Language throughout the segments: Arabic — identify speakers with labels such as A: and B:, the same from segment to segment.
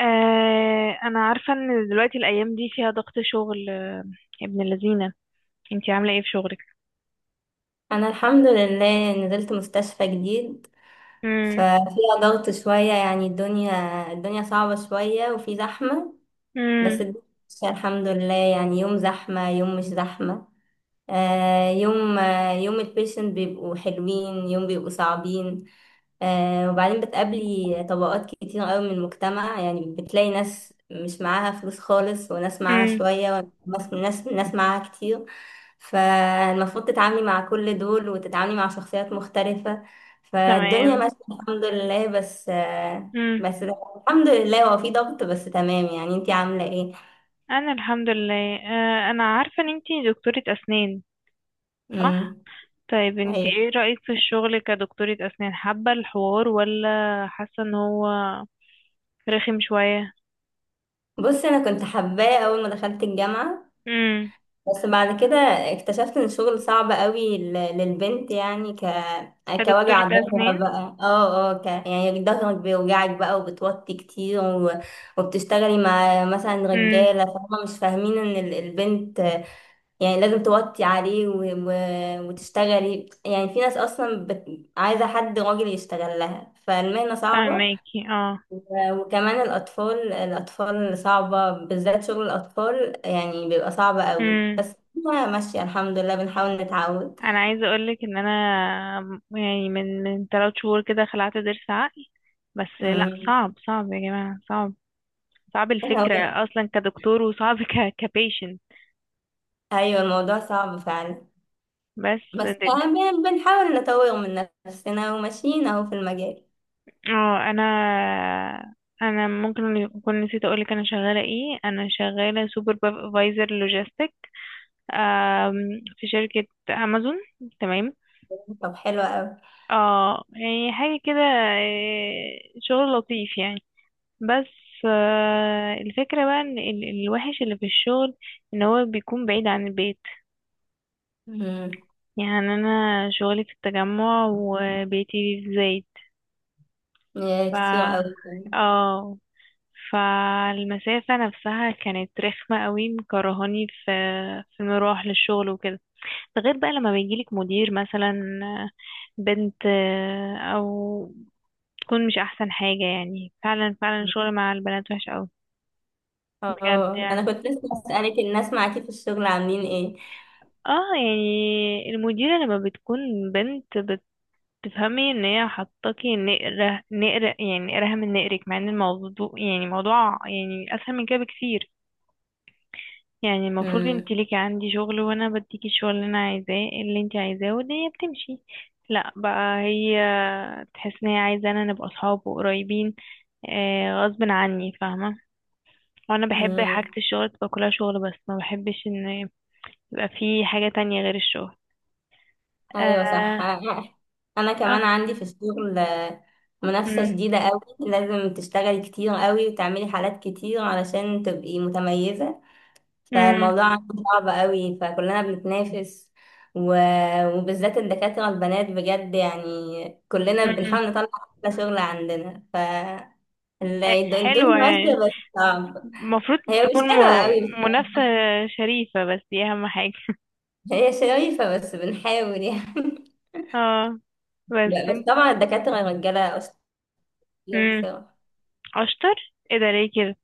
A: انا عارفه ان دلوقتي الايام دي فيها ضغط شغل يا ابن اللذينه. انتي عامله ايه في شغلك؟
B: انا الحمد لله نزلت مستشفى جديد.
A: امم.
B: ففيها ضغط شوية يعني الدنيا صعبة شوية وفي زحمة. بس
A: امم.
B: الدنيا ماشية الحمد لله، يعني يوم زحمة يوم مش زحمة، يوم يوم البيشنت بيبقوا حلوين يوم بيبقوا صعبين. وبعدين بتقابلي طبقات كتير قوي من المجتمع، يعني بتلاقي ناس مش معاها فلوس خالص، وناس معاها
A: امم.
B: شوية، وناس ناس ناس معاها كتير. فالمفروض تتعاملي مع كل دول وتتعاملي مع شخصيات مختلفة. فالدنيا
A: تمام.
B: ماشية الحمد لله، بس آه،
A: امم.
B: بس الحمد لله هو في ضغط، بس تمام. يعني انتي عاملة ايه؟
A: انا الحمد لله. انا عارفه ان انتي دكتوره اسنان، صح؟
B: مم.
A: طيب انتي
B: أيوة.
A: ايه رايك في الشغل كدكتوره اسنان؟ حابه الحوار ولا حاسه ان هو رخم شويه؟
B: بصي انا كنت حباه اول ما دخلت الجامعة،
A: امم.
B: بس بعد كده اكتشفت ان الشغل صعب قوي للبنت، يعني
A: كدكتوره
B: كوجع ظهرها
A: اسنان.
B: بقى، يعني ظهرك بيوجعك بقى وبتوطي كتير وبتشتغلي مع مثلا
A: امم.
B: رجالة فهم مش فاهمين ان البنت يعني لازم توطي عليه وتشتغلي، يعني في ناس اصلا عايزة حد راجل يشتغل لها، فالمهنة صعبة.
A: فهماكي.
B: وكمان الأطفال صعبة، بالذات شغل الأطفال يعني بيبقى صعب قوي.
A: اه،
B: بس أنا ماشية الحمد لله، بنحاول نتعود.
A: انا عايزه اقولك ان انا يعني من 3 شهور كده خلعت ضرس عقل، بس لا،
B: مم.
A: صعب صعب يا جماعه، صعب. صعب
B: هو-
A: الفكره اصلا كدكتور، وصعب كبيشنت.
B: أيوة الموضوع صعب فعلا،
A: بس
B: بس
A: د-
B: أهم يعني بنحاول نطور من نفسنا وماشيين أهو في المجال.
A: اه انا، ممكن اكون نسيت اقولك انا شغاله ايه. انا شغاله سوبرفايزر لوجيستيك في شركه امازون. تمام.
B: طب حلو قوي.
A: اه يعني حاجه كده، شغل لطيف يعني. بس الفكرة بقى ان الوحش اللي في الشغل ان هو بيكون بعيد عن البيت.
B: مم.
A: يعني انا شغلي في التجمع وبيتي في الزايد.
B: يا
A: ف
B: كتير قوي.
A: اه، فالمسافة نفسها كانت رخمة قوي، مكرهاني في في المروح للشغل وكده. ده غير بقى لما بيجيلك مدير مثلا بنت، او تكون مش احسن حاجة. يعني فعلا فعلا الشغل مع البنات وحش قوي، بجد
B: اه أنا
A: يعني.
B: كنت لسه أسألك الناس معاكي في الشغل عاملين ايه.
A: اه، يعني المديرة لما بتكون بنت، بتفهمي ان هي حطاكي نقرة نقرة، يعني نقرها من نقرك، مع ان الموضوع يعني موضوع يعني اسهل من كده بكتير. يعني المفروض انت
B: مم.
A: ليكي عندي شغل وانا بديكي الشغل اللي انا عايزاه، اللي انت عايزاه، والدنيا بتمشي. لا بقى، هي تحس ان هي عايزة انا نبقى اصحاب وقريبين، آه غصب عني، فاهمة؟ وانا بحب حاجة
B: مم.
A: الشغل تبقى كلها شغل، بس ما بحبش ان يبقى في حاجة تانية غير الشغل.
B: ايوه صح. انا
A: آه.
B: كمان عندي في الشغل منافسة
A: مم.
B: شديدة قوي، لازم تشتغلي كتير قوي وتعملي حالات كتير علشان تبقي متميزة.
A: مم.
B: فالموضوع عندي صعب قوي، فكلنا بنتنافس، و... وبالذات الدكاترة البنات، بجد يعني كلنا
A: مم.
B: بنحاول نطلع احلى شغل عندنا. ف
A: ح-
B: الدنيا
A: حلوة
B: ماشية
A: يعني،
B: بس صعب.
A: المفروض
B: هي مش
A: تكون
B: حلوة قوي بس.
A: منافسة شريفة، بس دي أهم حاجة.
B: هي شريفة بس بنحاول يعني.
A: اه بس.
B: بس طبعا الدكاترة الرجالة أشطر
A: مم.
B: بصراحة.
A: أشطر ايه؟ ده ليه كده؟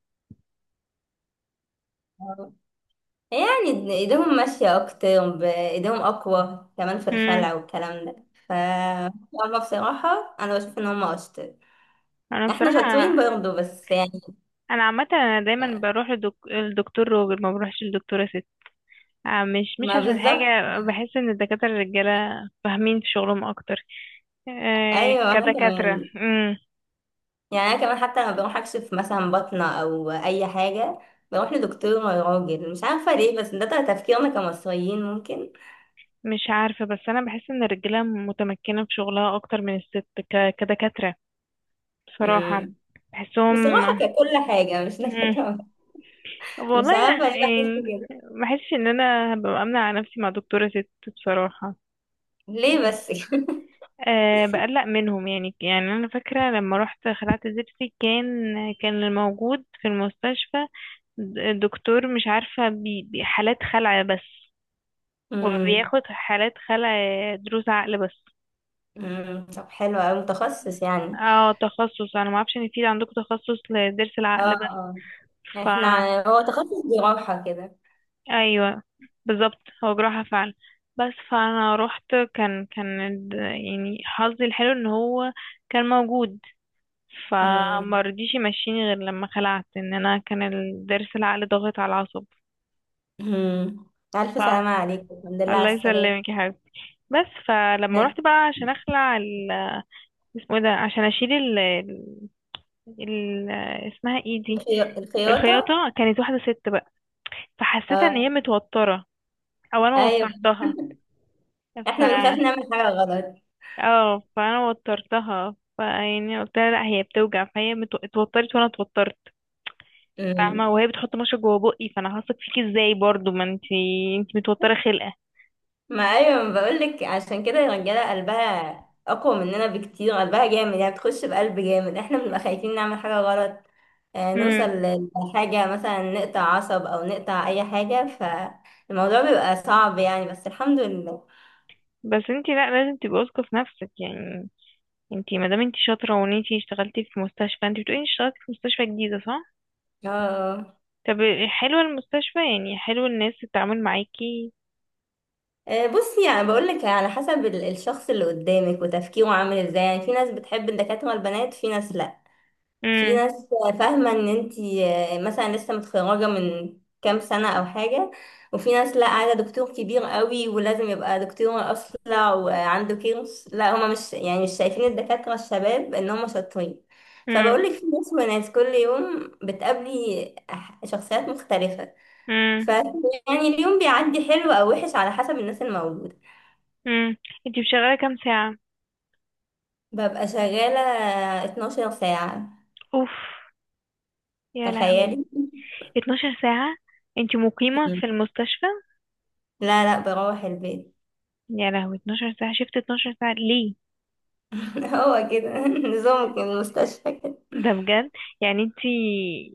B: يعني ايديهم ماشية اكتر، ايديهم اقوى كمان في
A: مم.
B: الخلع والكلام ده. ف هما بصراحة انا بشوف ان هما اشطر.
A: أنا
B: احنا شاطرين
A: بصراحة،
B: برضه بس يعني
A: أنا عامة أنا دايما بروح للدكتور راجل، ما بروحش للدكتورة ست، مش
B: ما
A: عشان
B: بالظبط.
A: حاجة. بحس إن الدكاترة الرجالة فاهمين في شغلهم أكتر،
B: ايوه انا
A: كدكاترة.
B: كمان، يعني انا كمان حتى لما بروح اكشف مثلا بطنة او اي حاجة بروح لدكتور راجل، مش عارفة ليه، بس ده تفكيرنا كمصريين ممكن.
A: مش عارفة، بس أنا بحس إن الرجالة متمكنة في شغلها أكتر من الست، كدكاترة، بصراحة.
B: امم.
A: بحسهم.
B: بصراحة ككل حاجة مش
A: مم.
B: نكتة. مش
A: والله لا
B: عارفة ليه
A: يعني.
B: بحس كده.
A: ما بحسش إن أنا هبقى أمنع على نفسي مع دكتورة ست، بصراحة.
B: ليه
A: مم.
B: بس
A: أه بقلق منهم يعني. يعني أنا فاكرة لما رحت خلعت زبسي، كان كان الموجود في المستشفى الدكتور، مش عارفة حالات خلع بس،
B: مم.
A: وبياخد حالات خلع دروس عقل بس.
B: مم. طب حلو أوي متخصص يعني.
A: اه، تخصص. انا ما اعرفش ان في عندكم تخصص لضرس
B: اه
A: العقل بس.
B: اه،
A: ف
B: احنا هو تخصص جراحة كده.
A: ايوه، بالظبط هو جراحة فعلا. بس فانا رحت، كان يعني حظي الحلو ان هو كان موجود،
B: مم.
A: فما رضيش يمشيني غير لما خلعت، ان انا كان الضرس العقل ضاغط على العصب.
B: مم. ألف
A: ف
B: سلامة عليكم، الحمد لله
A: الله
B: على السلامة.
A: يسلمك يا حبيبتي. بس فلما
B: ها،
A: رحت بقى عشان اخلع اسمه ايه ده، عشان اشيل ال... اسمها ايه دي، الخياطة،
B: الخياطة.
A: كانت واحدة ست. فحسيت ان هي
B: اه.
A: متوترة او انا
B: أيوة.
A: وترتها. ف
B: احنا بنخاف نعمل حاجة غلط.
A: اه، فانا وترتها. فيعني قلت لها لا، هي بتوجع، فهي اتوترت وانا اتوترت، فاهمة؟
B: مم.
A: وهي بتحط مشط جوه بقي، فانا هثق فيكي ازاي برضو؟ ما انتي انتي متوترة خلقة.
B: ما أيوة، ما بقولك عشان كده الرجالة قلبها أقوى مننا بكتير، قلبها جامد يعني بتخش بقلب جامد، احنا بنبقى خايفين نعمل حاجة غلط،
A: امم.
B: نوصل لحاجة مثلا نقطع عصب أو نقطع أي حاجة، فالموضوع بيبقى صعب يعني، بس الحمد لله.
A: بس انتي لا، لازم تبقي واثقة في نفسك يعني. انتي مادام انتي شاطرة وان انتي اشتغلتي في مستشفى، انتي بتقولي انتي اشتغلتي في مستشفى جديدة، صح؟
B: اه.
A: طب حلوة المستشفى يعني؟ حلو الناس التعامل معاكي؟
B: بصي يعني بقولك على حسب الشخص اللي قدامك وتفكيره عامل ازاي، يعني في ناس بتحب الدكاترة البنات، في ناس لا، في ناس فاهمة ان انتي مثلا لسه متخرجة من كام سنة او حاجة، وفي ناس لا عايزة دكتور كبير قوي ولازم يبقى دكتور اصلع وعنده كيرس، لا هما مش يعني مش شايفين الدكاترة الشباب ان هما شاطرين. فبقولك في ناس وناس، كل يوم بتقابلي شخصيات مختلفة. ف
A: امم.
B: يعني اليوم بيعدي حلو او وحش على حسب الناس الموجودة.
A: امم. انتي شغاله كام ساعه؟
B: ببقى شغالة 12 ساعة،
A: اوف، يا لهوي،
B: تخيلي.
A: 12 ساعه؟ انتي مقيمه في المستشفى؟
B: لا لا، بروح البيت،
A: يا لهوي، 12 ساعه. شفت 12 ساعه ليه؟
B: هو كده نظام المستشفى كده.
A: ده بجد؟ يعني انتي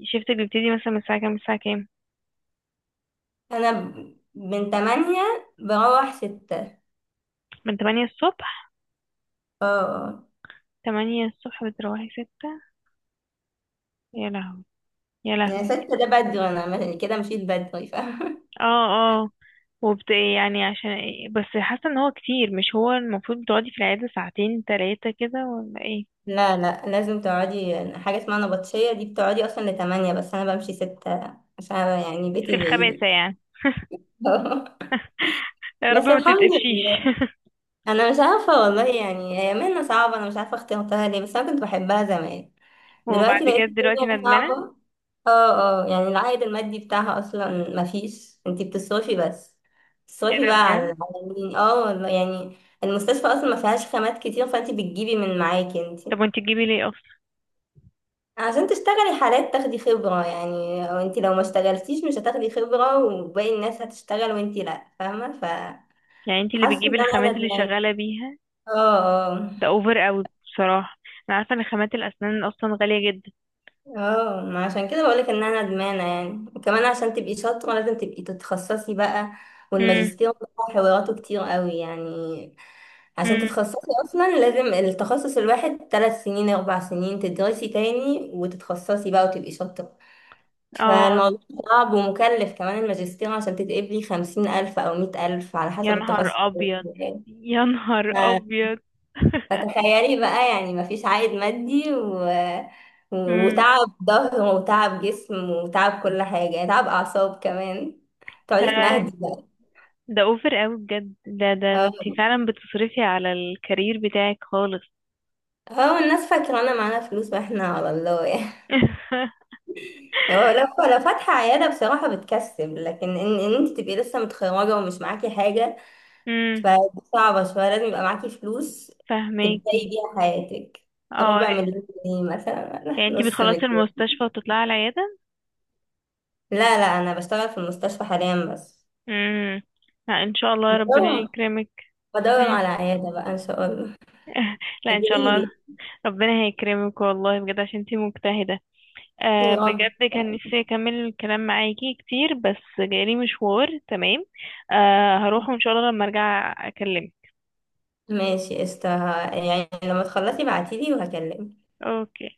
A: شفتك بيبتدي مثلا من الساعه كام الساعه كام؟
B: انا من تمانية بروح ستة.
A: من 8 الصبح؟
B: اه آه.
A: 8 الصبح بتروحي 6؟ يا لهوي. يا
B: يعني
A: لهوي.
B: ستة ده بدري، انا كده مشيت بدري فاهمة.
A: اه. اه. وبت يعني عشان ايه بس؟ حاسه ان هو كتير. مش هو المفروض تقعدي في العياده ساعتين 3 كده ولا ايه؟
B: لا لا، لازم تقعدي حاجة اسمها نبطشية، دي بتقعدي اصلا لتمانية، بس انا بمشي ستة عشان يعني
A: في
B: بيتي
A: الخباثه
B: بعيد.
A: يعني. يا رب
B: بس
A: ما
B: الحمد
A: تتقفشيش.
B: لله. انا مش عارفة والله، يعني هي مهنة صعبة، انا مش عارفة اخترتها ليه، بس انا كنت بحبها زمان.
A: وبعد
B: دلوقتي لقيت
A: كده دلوقتي
B: الدنيا صعبة.
A: ندمانة؟
B: اه اه، يعني العائد المادي بتاعها اصلا مفيش، انتي بتصرفي بس،
A: ايه
B: بتصرفي
A: ده؟
B: بقى على
A: بجد؟
B: مين. اه والله يعني المستشفى اصلا ما فيهاش خامات كتير، فانتي بتجيبي من معاكي انتي
A: طب وانت تجيبي ليه اصلا؟
B: عشان تشتغلي حالات تاخدي خبرة يعني، وانتي لو ما اشتغلتيش مش هتاخدي خبرة، وباقي الناس هتشتغل وانتي لا، فاهمة، فحاسة
A: يعني انت اللي
B: ان
A: بتجيبي
B: انا
A: الخامات اللي
B: ندمانة.
A: شغالة بيها؟
B: اه اه.
A: ده اوفر قوي بصراحة. انا عارفة ان خامات الاسنان اصلا غالية جدا.
B: اه ما عشان كده بقولك ان انا ندمانه يعني. وكمان عشان تبقي شاطره لازم تبقي تتخصصي بقى،
A: امم.
B: والماجستير ده حواراته كتير قوي يعني. عشان
A: امم.
B: تتخصصي اصلا لازم التخصص الواحد 3 سنين 4 سنين تدرسي تاني وتتخصصي بقى وتبقي شاطره.
A: اه.
B: فالموضوع صعب ومكلف كمان الماجستير، عشان تتقبلي 50 الف او 100 الف على
A: يا
B: حسب
A: نهار
B: التخصص.
A: ابيض. يا نهار ابيض.
B: فتخيلي بقى، يعني مفيش عائد مادي
A: امم.
B: وتعب ظهر وتعب جسم وتعب كل حاجة يعني، تعب أعصاب كمان. تقعدي
A: لا،
B: تنهدي بقى.
A: ده اوفر قوي بجد. ده ده
B: اه،
A: انت فعلا بتصرفي على الكارير بتاعك خالص.
B: هو الناس فاكرة أنا معانا فلوس واحنا على الله يعني. هو لو، لو فاتحة عيادة بصراحة بتكسب، لكن إن أنت تبقي لسه متخرجة ومش معاكي حاجة،
A: امم.
B: فدي صعبة شوية، لازم يبقى معاكي فلوس تبدأي
A: فهماكي.
B: بيها حياتك،
A: اه
B: ربع مليون جنيه مثلا ولا
A: يعني انت
B: نص
A: بتخلصي
B: مليون.
A: المستشفى وتطلعي على العيادة؟
B: لا لا أنا بشتغل في المستشفى حاليا بس،
A: امم. لا ان شاء الله، ربنا يكرمك.
B: بدور
A: مم.
B: على عيادة بقى إن شاء الله.
A: لا ان شاء الله،
B: ادعيلي.
A: ربنا هيكرمك والله بجد، عشان انتي مجتهدة. آه
B: يا رب.
A: بجد كان نفسي اكمل الكلام معاكي كتير، بس جالي مشوار. تمام، آه هروح، وان شاء الله لما ارجع اكلمك.
B: ماشي قشطة، يعني لما تخلصي بعتيلي وهكلمك.
A: اوكي.